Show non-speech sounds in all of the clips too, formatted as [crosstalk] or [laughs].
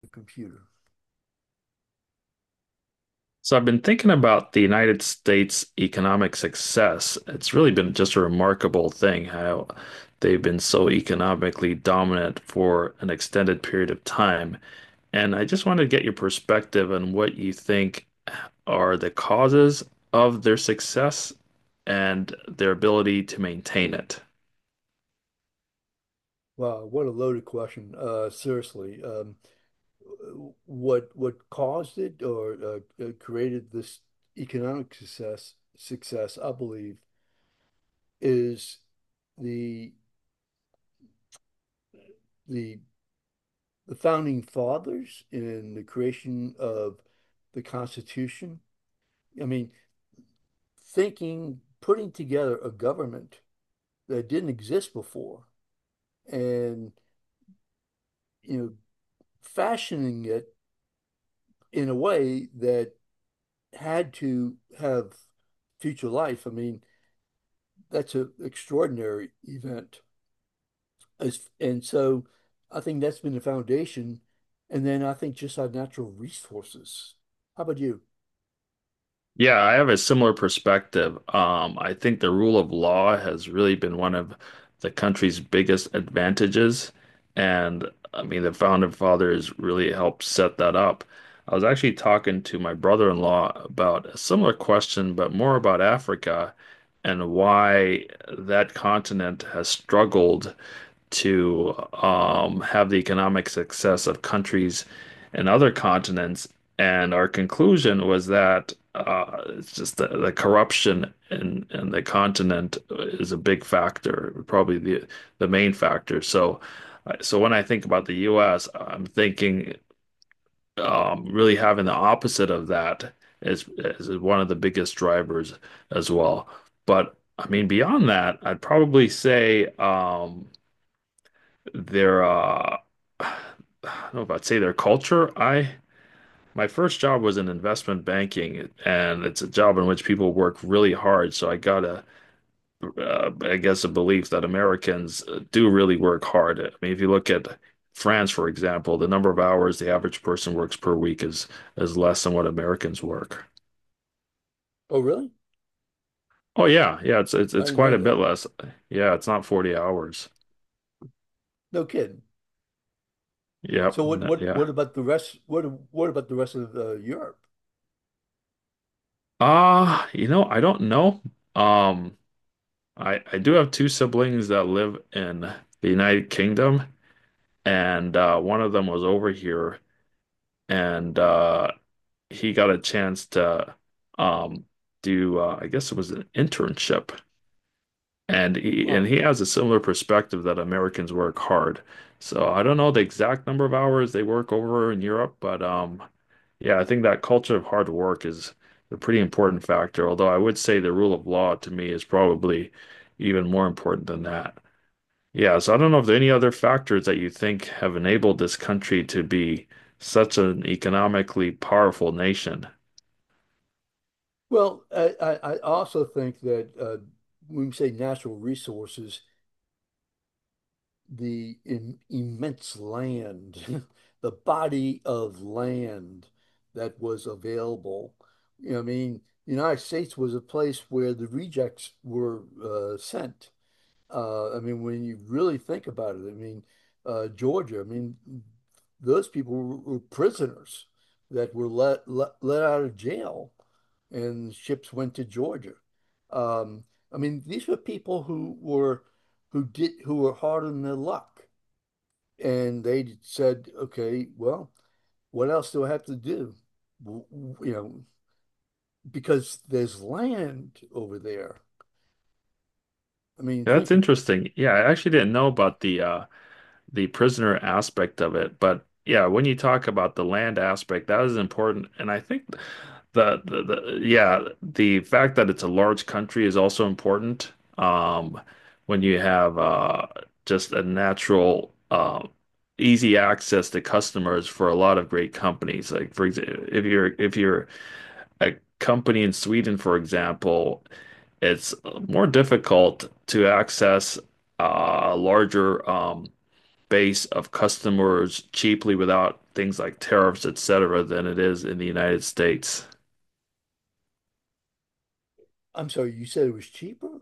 The computer. So I've been thinking about the United States economic success. It's really been just a remarkable thing how they've been so economically dominant for an extended period of time. And I just want to get your perspective on what you think are the causes of their success and their ability to maintain it. Wow, what a loaded question. Seriously, what caused it or created this economic success, I believe, is the the the founding fathers in the creation of the Constitution. I mean, thinking, putting together a government that didn't exist before, and you know, fashioning it in a way that had to have future life. I mean, that's an extraordinary event. And so I think that's been the foundation. And then I think just our natural resources. How about you? Yeah, I have a similar perspective. I think the rule of law has really been one of the country's biggest advantages. And I mean, the founding fathers really helped set that up. I was actually talking to my brother-in-law about a similar question, but more about Africa and why that continent has struggled to have the economic success of countries and other continents. And our conclusion was that it's just the corruption in the continent is a big factor, probably the main factor. So, so when I think about the U.S., I'm thinking really having the opposite of that is one of the biggest drivers as well. But I mean, beyond that, I'd probably say their [sighs] I don't know if I'd say their culture. I My first job was in investment banking, and it's a job in which people work really hard. So I got I guess, a belief that Americans do really work hard. I mean, if you look at France, for example, the number of hours the average person works per week is less than what Americans work. Oh, really? Oh yeah, yeah, it's it's I it's didn't know quite a bit that. less. Yeah, it's not 40 hours. No kidding. Yep. So what what Yeah. what about the rest? What about the rest of Europe? You know, I don't know. Um, I do have two siblings that live in the United Kingdom, and one of them was over here, and he got a chance to um, do I guess it was an internship, and he and Wow. he has a similar perspective that Americans work hard. So I don't know the exact number of hours they work over in Europe, but yeah, I think that culture of hard work is a pretty important factor. Although I would say the rule of law to me is probably even more important than that. Yeah, so I don't know if there are any other factors that you think have enabled this country to be such an economically powerful nation. Well, I also think that when we say natural resources, the im immense land, [laughs] the body of land that was available. You know, I mean, the United States was a place where the rejects were sent. I mean, when you really think about it, I mean, Georgia, I mean, those people were prisoners that were let out of jail, and ships went to Georgia. Um, I mean, these were people who were who did who were hard on their luck, and they said, "Okay, well, what else do I have to do?" You know, because there's land over there. I mean, Yeah, that's think. Of- interesting. Yeah, I actually didn't know about the prisoner aspect of it. But yeah, when you talk about the land aspect, that is important. And I think the fact that it's a large country is also important. Um, when you have just a natural easy access to customers for a lot of great companies. Like for example, if you're a company in Sweden, for example, it's more difficult to access larger base of customers cheaply without things like tariffs, et cetera, than it is in the United States. I'm sorry, you said it was cheaper,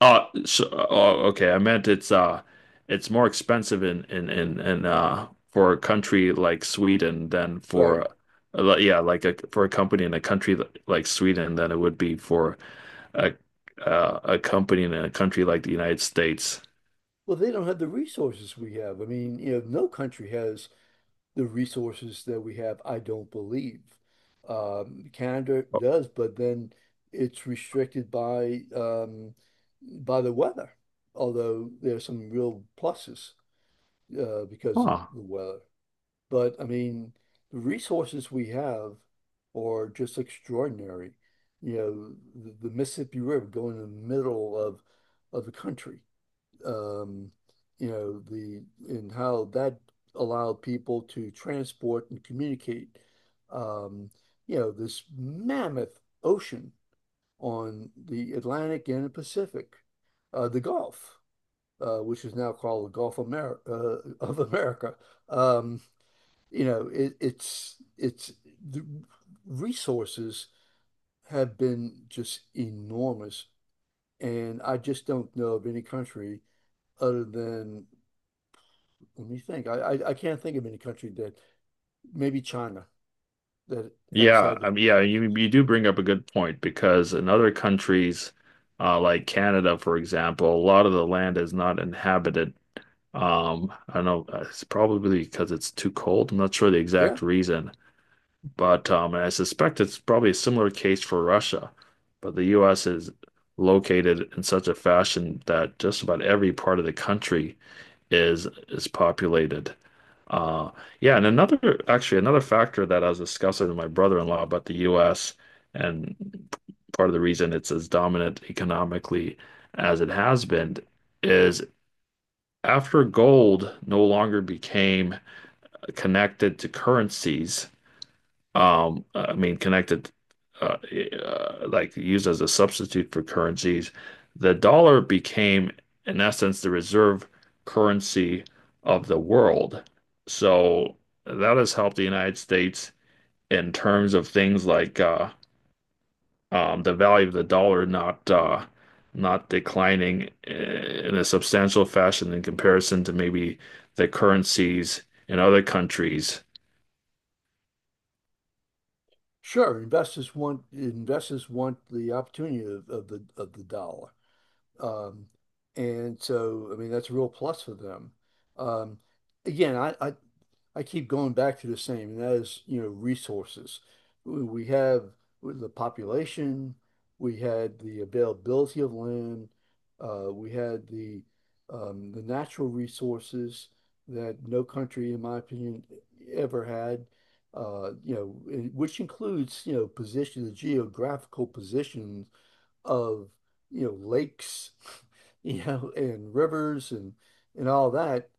Oh, okay. I meant it's more expensive in for a country like Sweden than right? for yeah, like for a company in a country like Sweden than it would be for a a company in a country like the United States. Well, they don't have the resources we have. I mean, you know, no country has the resources that we have, I don't believe. Canada does, but then it's restricted by the weather, although there's some real pluses because of Huh. the weather. But I mean, the resources we have are just extraordinary. You know, the Mississippi River going in the middle of the country um, you know, the and how that allowed people to transport and communicate, um, you know, this mammoth ocean on the Atlantic and the Pacific, the Gulf, which is now called the Gulf Amer of America. Um, you know, it's the resources have been just enormous, and I just don't know of any country other than Let me think. I can't think of any country that, maybe China, that has Yeah, had the I mean, yeah, you resources. you do bring up a good point because in other countries, like Canada, for example, a lot of the land is not inhabited. I don't know, it's probably because it's too cold. I'm not sure the Yeah, exact reason, but and I suspect it's probably a similar case for Russia. But the U.S. is located in such a fashion that just about every part of the country is populated. Uh, yeah, and another factor that I was discussing with my brother-in-law about the US and part of the reason it's as dominant economically as it has been is after gold no longer became connected to currencies I mean, uh, like used as a substitute for currencies. The dollar became, in essence, the reserve currency of the world. So that has helped the United States in terms of things like the value of the dollar not declining in a substantial fashion in comparison to maybe the currencies in other countries. sure. Investors want the opportunity of the dollar. Um, and so, I mean, that's a real plus for them. Um, again, I keep going back to the same, and that is, you know, resources. We have the population, we had the availability of land, we had the natural resources that no country, in my opinion, ever had. You know, which includes, you know, position, the geographical position of you know lakes, [laughs] you know, and rivers and all that,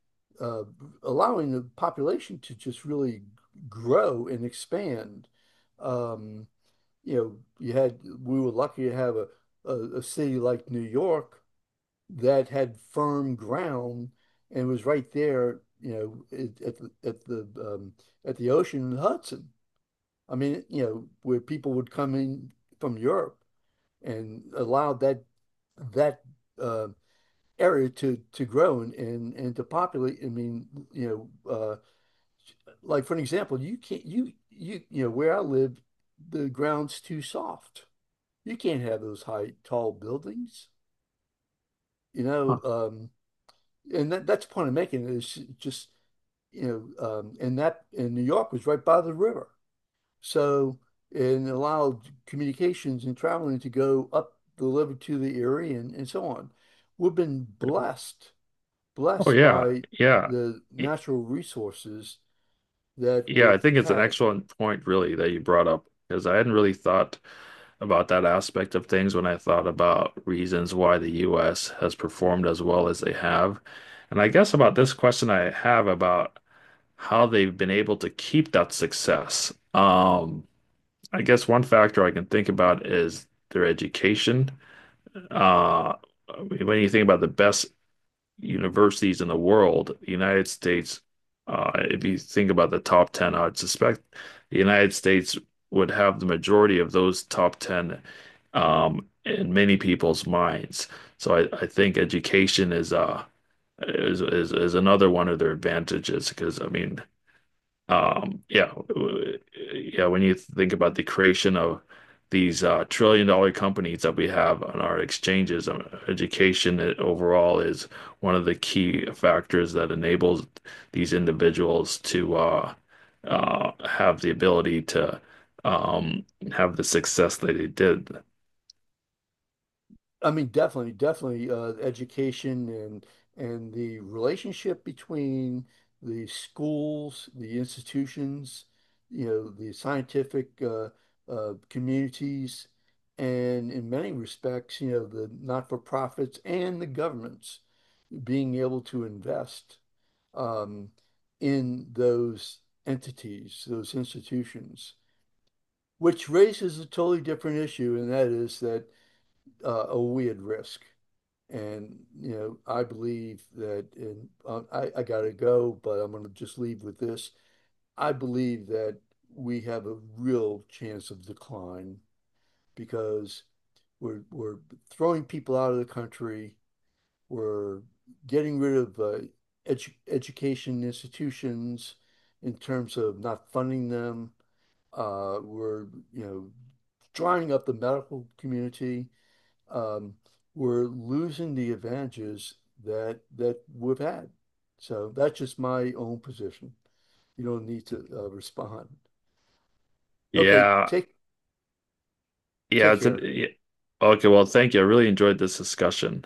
uh, allowing the population to just really grow and expand. Um, you know, you had we were lucky to have a city like New York that had firm ground and was right there, you know, at the at the at the ocean in Hudson. I mean, you know, where people would come in from Europe and allowed that uh, area to grow and to populate. I mean, you know, like for an example, you can't you know where I live, the ground's too soft. You can't have those high tall buildings. You know, Huh. And that's the point I'm making is just you know, and that and New York was right by the river, so and allowed communications and traveling to go up the river to the Erie and so on. We've been blessed Oh blessed yeah, by yeah. the natural resources that Yeah, we've I think it's an had. excellent point, really, that you brought up because I hadn't really thought about that aspect of things when I thought about reasons why the US has performed as well as they have. And I guess about this question I have about how they've been able to keep that success. I guess one factor I can think about is their education. Uh, when you think about the best universities in the world, the United States, if you think about the top 10, I'd suspect the United States would have the majority of those top 10 in many people's minds. So I think education is another one of their advantages because I mean um, yeah, w- yeah. When you think about the creation of these trillion-dollar companies that we have on our exchanges, education overall is one of the key factors that enables these individuals to have the ability to um, have the success that they did. I mean, definitely, definitely, education and the relationship between the schools, the institutions, you know, the scientific communities, and in many respects, you know, the not-for-profits and the governments being able to invest um, in those entities, those institutions. Which raises a totally different issue, and that is that are we at risk? And you know, I believe that, and I gotta go, but I'm gonna just leave with this. I believe that we have a real chance of decline because we're throwing people out of the country. We're getting rid of education institutions in terms of not funding them. We're, you know, drying up the medical community. Um, we're losing the advantages that we've had. So that's just my own position. You don't need to respond. Okay, Yeah, yeah. take It's a, care. yeah. Okay, well, thank you. I really enjoyed this discussion.